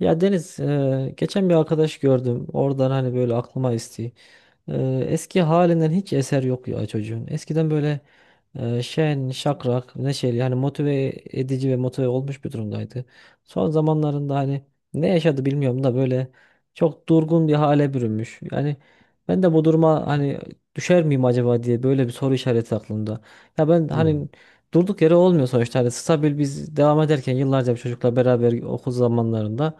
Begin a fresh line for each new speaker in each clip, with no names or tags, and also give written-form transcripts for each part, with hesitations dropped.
Ya Deniz, geçen bir arkadaş gördüm. Oradan hani böyle aklıma esti. E, Eski halinden hiç eser yok ya çocuğun. Eskiden böyle şen, şakrak, neşeli hani motive edici ve motive olmuş bir durumdaydı. Son zamanlarında hani ne yaşadı bilmiyorum da böyle çok durgun bir hale bürünmüş. Yani ben de bu duruma hani düşer miyim acaba diye böyle bir soru işareti aklımda. Ya ben
Hı.
hani durduk yere olmuyor sonuçta. Hani stabil biz devam ederken yıllarca bir çocukla beraber okul zamanlarında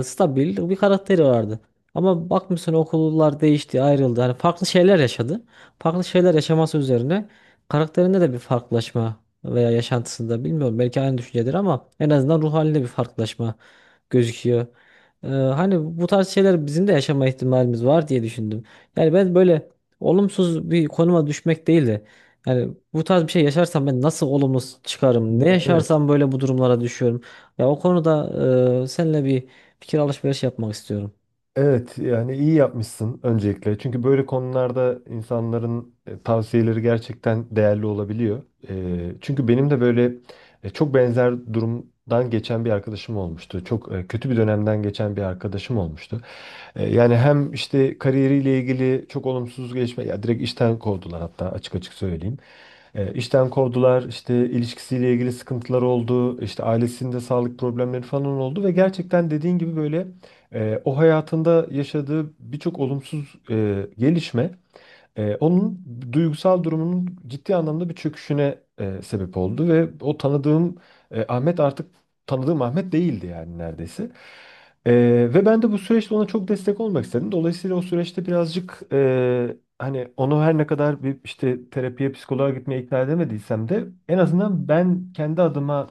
stabil bir karakteri vardı. Ama bakmışsın okullar değişti, ayrıldı. Hani farklı şeyler yaşadı. Farklı şeyler yaşaması üzerine karakterinde de bir farklılaşma veya yaşantısında bilmiyorum belki aynı düşüncedir ama en azından ruh halinde bir farklılaşma gözüküyor. Hani bu tarz şeyler bizim de yaşama ihtimalimiz var diye düşündüm. Yani ben böyle olumsuz bir konuma düşmek değil de yani bu tarz bir şey yaşarsam ben nasıl olumlu çıkarım?
Ya
Ne
evet.
yaşarsam böyle bu durumlara düşüyorum. Ya o konuda seninle bir fikir alışverişi yapmak istiyorum.
Evet, yani iyi yapmışsın öncelikle. Çünkü böyle konularda insanların tavsiyeleri gerçekten değerli olabiliyor. Çünkü benim de böyle çok benzer durumdan geçen bir arkadaşım olmuştu. Çok kötü bir dönemden geçen bir arkadaşım olmuştu. Yani hem işte kariyeriyle ilgili çok olumsuz gelişme, ya direkt işten kovdular, hatta açık açık söyleyeyim. İşten kovdular, işte ilişkisiyle ilgili sıkıntılar oldu, işte ailesinde sağlık problemleri falan oldu ve gerçekten dediğin gibi böyle o hayatında yaşadığı birçok olumsuz gelişme onun duygusal durumunun ciddi anlamda bir çöküşüne sebep oldu ve o tanıdığım Ahmet artık tanıdığım Ahmet değildi yani neredeyse. Ve ben de bu süreçte ona çok destek olmak istedim. Dolayısıyla o süreçte birazcık hani onu, her ne kadar bir işte terapiye, psikoloğa gitmeye ikna edemediysem de, en azından ben kendi adıma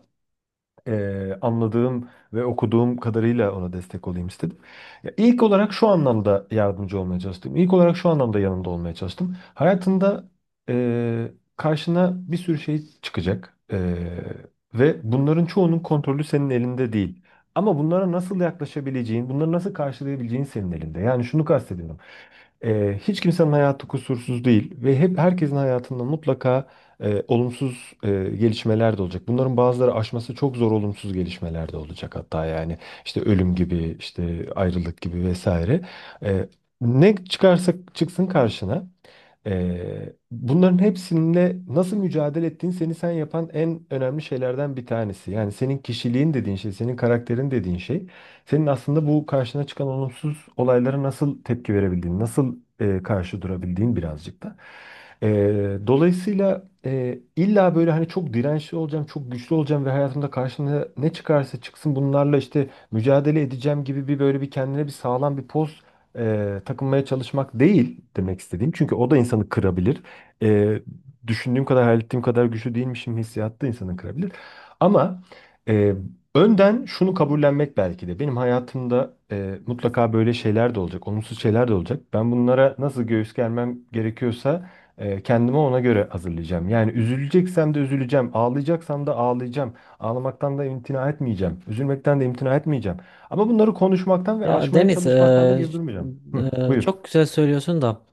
anladığım ve okuduğum kadarıyla ona destek olayım istedim. Ya ilk olarak şu anlamda yardımcı olmaya çalıştım. İlk olarak şu anlamda yanında olmaya çalıştım. Hayatında eee, karşına bir sürü şey çıkacak, ve bunların çoğunun kontrolü senin elinde değil. Ama bunlara nasıl yaklaşabileceğin, bunları nasıl karşılayabileceğin senin elinde. Yani şunu kastediyorum. Hiç kimsenin hayatı kusursuz değil ve hep herkesin hayatında mutlaka olumsuz gelişmeler de olacak. Bunların bazıları aşması çok zor olumsuz gelişmeler de olacak hatta, yani işte ölüm gibi, işte ayrılık gibi vesaire. Eee, ne çıkarsa çıksın karşına, bunların hepsinde nasıl mücadele ettiğin seni sen yapan en önemli şeylerden bir tanesi. Yani senin kişiliğin dediğin şey, senin karakterin dediğin şey, senin aslında bu karşına çıkan olumsuz olaylara nasıl tepki verebildiğin, nasıl karşı durabildiğin birazcık da. Dolayısıyla illa böyle hani çok dirençli olacağım, çok güçlü olacağım ve hayatımda karşımda ne çıkarsa çıksın bunlarla işte mücadele edeceğim gibi böyle bir kendine bir sağlam bir poz takılmaya çalışmak değil demek istediğim. Çünkü o da insanı kırabilir. E, Düşündüğüm kadar, hayal ettiğim kadar güçlü değilmişim hissiyatı da insanı kırabilir. Ama e, önden şunu kabullenmek belki de. Benim hayatımda mutlaka böyle şeyler de olacak, olumsuz şeyler de olacak. Ben bunlara nasıl göğüs germem gerekiyorsa kendimi ona göre hazırlayacağım. Yani üzüleceksem de üzüleceğim, ağlayacaksam da ağlayacağım. Ağlamaktan da imtina etmeyeceğim, üzülmekten de imtina etmeyeceğim. Ama bunları konuşmaktan ve
Ya
aşmaya
Deniz,
çalışmaktan da geri durmayacağım. Hı, buyur.
çok güzel söylüyorsun da.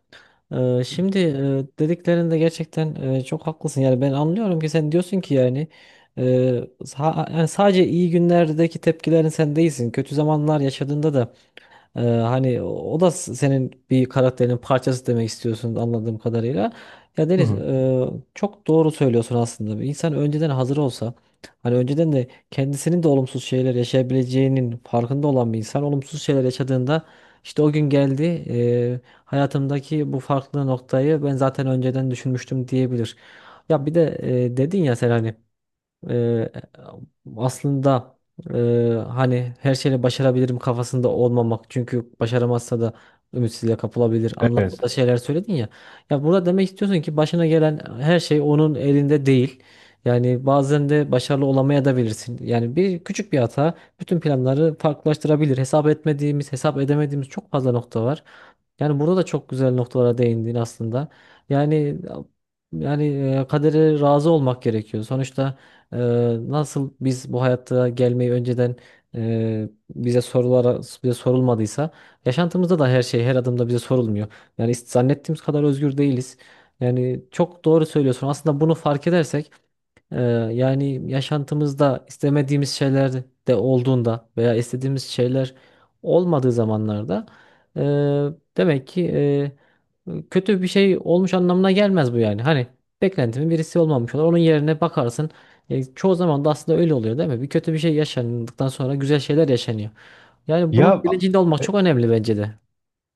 Şimdi dediklerinde gerçekten çok haklısın. Yani ben anlıyorum ki sen diyorsun ki yani, e, yani sadece iyi günlerdeki tepkilerin sen değilsin. Kötü zamanlar yaşadığında da hani o da senin bir karakterinin parçası demek istiyorsun anladığım kadarıyla. Ya
Hı
Deniz,
hı.
çok doğru söylüyorsun aslında. Bir İnsan önceden hazır olsa, hani önceden de kendisinin de olumsuz şeyler yaşayabileceğinin farkında olan bir insan olumsuz şeyler yaşadığında işte o gün geldi, e, hayatımdaki bu farklı noktayı ben zaten önceden düşünmüştüm diyebilir. Ya bir de dedin ya sen hani, Eee, aslında hani her şeyi başarabilirim kafasında olmamak. Çünkü başaramazsa da ümitsizliğe kapılabilir anlamında
Evet.
şeyler söyledin ya. Ya burada demek istiyorsun ki başına gelen her şey onun elinde değil. Yani bazen de başarılı olamaya da bilirsin. Yani bir küçük bir hata bütün planları farklılaştırabilir. Hesap etmediğimiz, hesap edemediğimiz çok fazla nokta var. Yani burada da çok güzel noktalara değindin aslında. Yani yani, kadere razı olmak gerekiyor. Sonuçta ee, nasıl biz bu hayatta gelmeyi önceden bize sorulmadıysa, yaşantımızda da her şey her adımda bize sorulmuyor. Zannettiğimiz kadar özgür değiliz. Yani çok doğru söylüyorsun. Aslında bunu fark edersek ee, yani yaşantımızda istemediğimiz şeyler de olduğunda veya istediğimiz şeyler olmadığı zamanlarda e, demek ki kötü bir şey olmuş anlamına gelmez bu yani. Hani beklentimin birisi olmamış olur. Onun yerine bakarsın. Çoğu zaman da aslında öyle oluyor değil mi? Bir kötü bir şey yaşandıktan sonra güzel şeyler yaşanıyor. Yani
Ya,
bunun bilincinde olmak çok önemli bence de.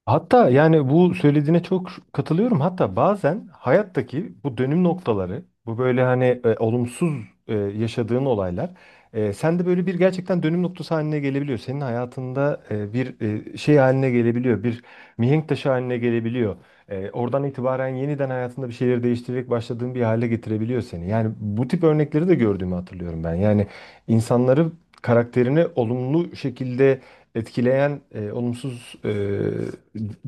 hatta yani bu söylediğine çok katılıyorum. Hatta bazen hayattaki bu dönüm noktaları, bu böyle hani olumsuz yaşadığın olaylar, sende böyle bir gerçekten dönüm noktası haline gelebiliyor. Senin hayatında bir şey haline gelebiliyor, bir mihenk taşı haline gelebiliyor. Oradan itibaren yeniden hayatında bir şeyleri değiştirerek başladığın bir hale getirebiliyor seni. Yani bu tip örnekleri de gördüğümü hatırlıyorum ben. Yani insanları karakterini olumlu şekilde etkileyen olumsuz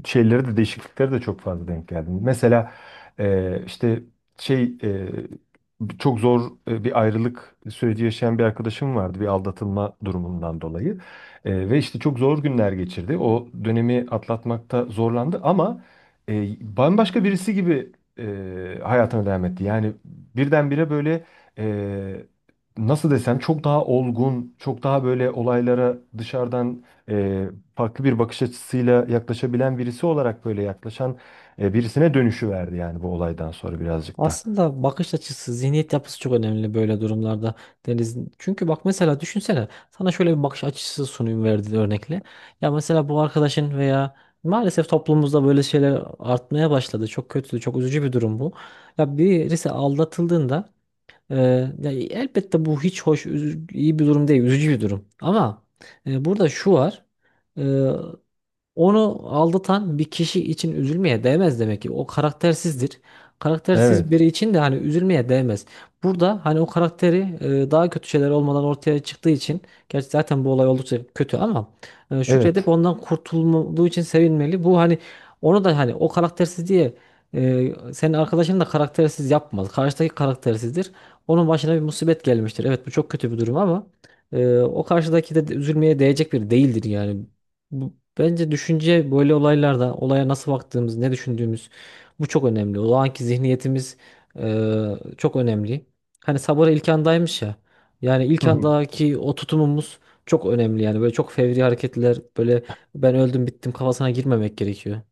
şeyleri de değişiklikleri de çok fazla denk geldim. Mesela e, işte şey e, çok zor bir ayrılık süreci yaşayan bir arkadaşım vardı, bir aldatılma durumundan dolayı. Ve işte çok zor günler geçirdi. O dönemi atlatmakta zorlandı ama e, bambaşka birisi gibi e, hayatına devam etti. Yani birdenbire böyle, e, nasıl desem, çok daha olgun, çok daha böyle olaylara dışarıdan e, farklı bir bakış açısıyla yaklaşabilen birisi olarak, böyle yaklaşan birisine dönüşü verdi yani bu olaydan sonra birazcık da.
Aslında bakış açısı, zihniyet yapısı çok önemli böyle durumlarda Deniz. Çünkü bak mesela düşünsene, sana şöyle bir bakış açısı sunayım verdiği örnekle. Ya mesela bu arkadaşın veya maalesef toplumumuzda böyle şeyler artmaya başladı. Çok kötü, çok üzücü bir durum bu. Ya birisi aldatıldığında e, ya elbette bu hiç hoş, iyi bir durum değil, üzücü bir durum. Ama burada şu var. e, Onu aldatan bir kişi için üzülmeye değmez demek ki. O karaktersizdir. Karaktersiz
Evet,
biri için de hani üzülmeye değmez. Burada hani o karakteri, daha kötü şeyler olmadan ortaya çıktığı için, gerçi zaten bu olay oldukça kötü ama şükredip
evet.
ondan kurtulduğu için sevinmeli. Bu hani onu da hani o karaktersiz diye, senin arkadaşını da karaktersiz yapmaz. Karşıdaki karaktersizdir. Onun başına bir musibet gelmiştir. Evet bu çok kötü bir durum ama o karşıdaki de üzülmeye değecek biri değildir yani. Bu, bence düşünce böyle olaylarda olaya nasıl baktığımız, ne düşündüğümüz, bu çok önemli. O anki zihniyetimiz çok önemli. Hani sabır ilk andaymış ya. Yani ilk
Hı hı.
andaki o tutumumuz çok önemli. Yani böyle çok fevri hareketler, böyle ben öldüm bittim kafasına girmemek gerekiyor.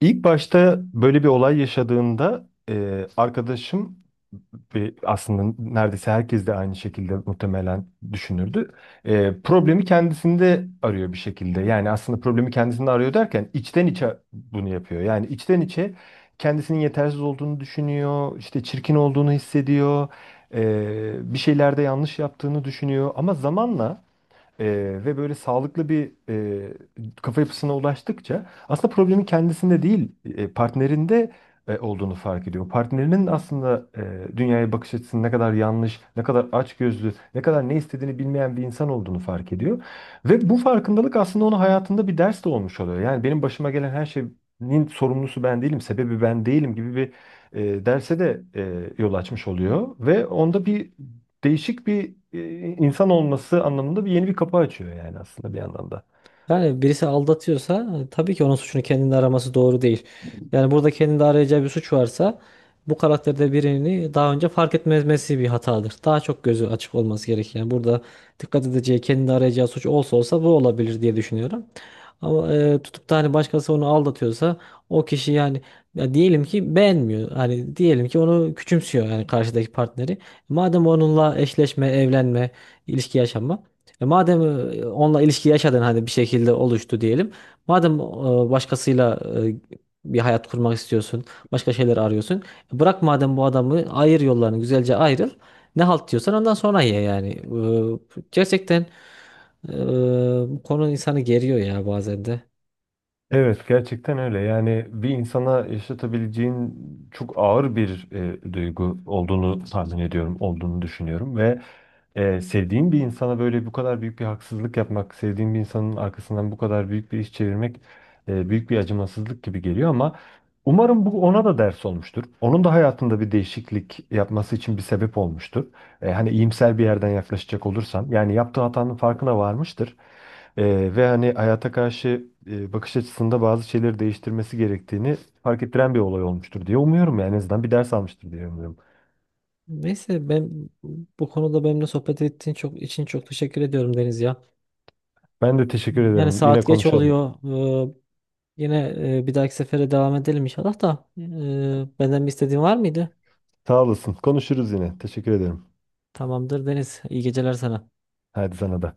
İlk başta böyle bir olay yaşadığımda arkadaşım ve aslında neredeyse herkes de aynı şekilde muhtemelen düşünürdü. Problemi kendisinde arıyor bir şekilde. Yani aslında problemi kendisinde arıyor derken içten içe bunu yapıyor. Yani içten içe kendisinin yetersiz olduğunu düşünüyor, işte çirkin olduğunu hissediyor, bir şeylerde yanlış yaptığını düşünüyor. Ama zamanla ve böyle sağlıklı bir kafa yapısına ulaştıkça aslında problemin kendisinde değil, partnerinde olduğunu fark ediyor. Partnerinin aslında dünyaya bakış açısının ne kadar yanlış, ne kadar açgözlü, ne kadar ne istediğini bilmeyen bir insan olduğunu fark ediyor. Ve bu farkındalık aslında onun hayatında bir ders de olmuş oluyor. Yani benim başıma gelen her şeyin sorumlusu ben değilim, sebebi ben değilim gibi bir derse de yol açmış oluyor. Ve onda değişik bir insan olması anlamında bir yeni bir kapı açıyor yani aslında bir anlamda.
Yani birisi aldatıyorsa tabii ki onun suçunu kendinde araması doğru değil. Yani burada kendinde arayacağı bir suç varsa, bu karakterde birini daha önce fark etmemesi bir hatadır. Daha çok gözü açık olması gerek. Yani burada dikkat edeceği, kendinde arayacağı suç olsa olsa bu olabilir diye düşünüyorum. Ama tutup da hani başkası onu aldatıyorsa o kişi yani, ya diyelim ki beğenmiyor. Hani diyelim ki onu küçümsüyor yani karşıdaki partneri. Madem onunla eşleşme, evlenme, ilişki yaşama, e madem onunla ilişki yaşadın hani bir şekilde oluştu diyelim. Madem başkasıyla e, bir hayat kurmak istiyorsun, başka şeyler arıyorsun. Bırak madem bu adamı, ayır yollarını, güzelce ayrıl. Ne halt diyorsan ondan sonra ye yani. Gerçekten e, bu konu insanı geriyor ya bazen de.
Evet, gerçekten öyle. Yani bir insana yaşatabileceğin çok ağır bir duygu olduğunu tahmin ediyorum, olduğunu düşünüyorum ve sevdiğin bir insana böyle bu kadar büyük bir haksızlık yapmak, sevdiğin bir insanın arkasından bu kadar büyük bir iş çevirmek büyük bir acımasızlık gibi geliyor ama umarım bu ona da ders olmuştur. Onun da hayatında bir değişiklik yapması için bir sebep olmuştur. Hani iyimser bir yerden yaklaşacak olursam, yani yaptığı hatanın farkına varmıştır. Ve hani hayata karşı bakış açısında bazı şeyleri değiştirmesi gerektiğini fark ettiren bir olay olmuştur diye umuyorum, yani en azından bir ders almıştır diye umuyorum.
Neyse ben bu konuda benimle sohbet ettiğin çok için çok teşekkür ediyorum Deniz ya.
Ben de teşekkür
Yani
ederim. Yine
saat geç
konuşalım.
oluyor. E, Yine bir dahaki sefere devam edelim inşallah da. Benden bir istediğin var mıydı?
Sağ olasın. Konuşuruz yine. Teşekkür ederim.
Tamamdır Deniz. İyi geceler sana.
Hadi sana da.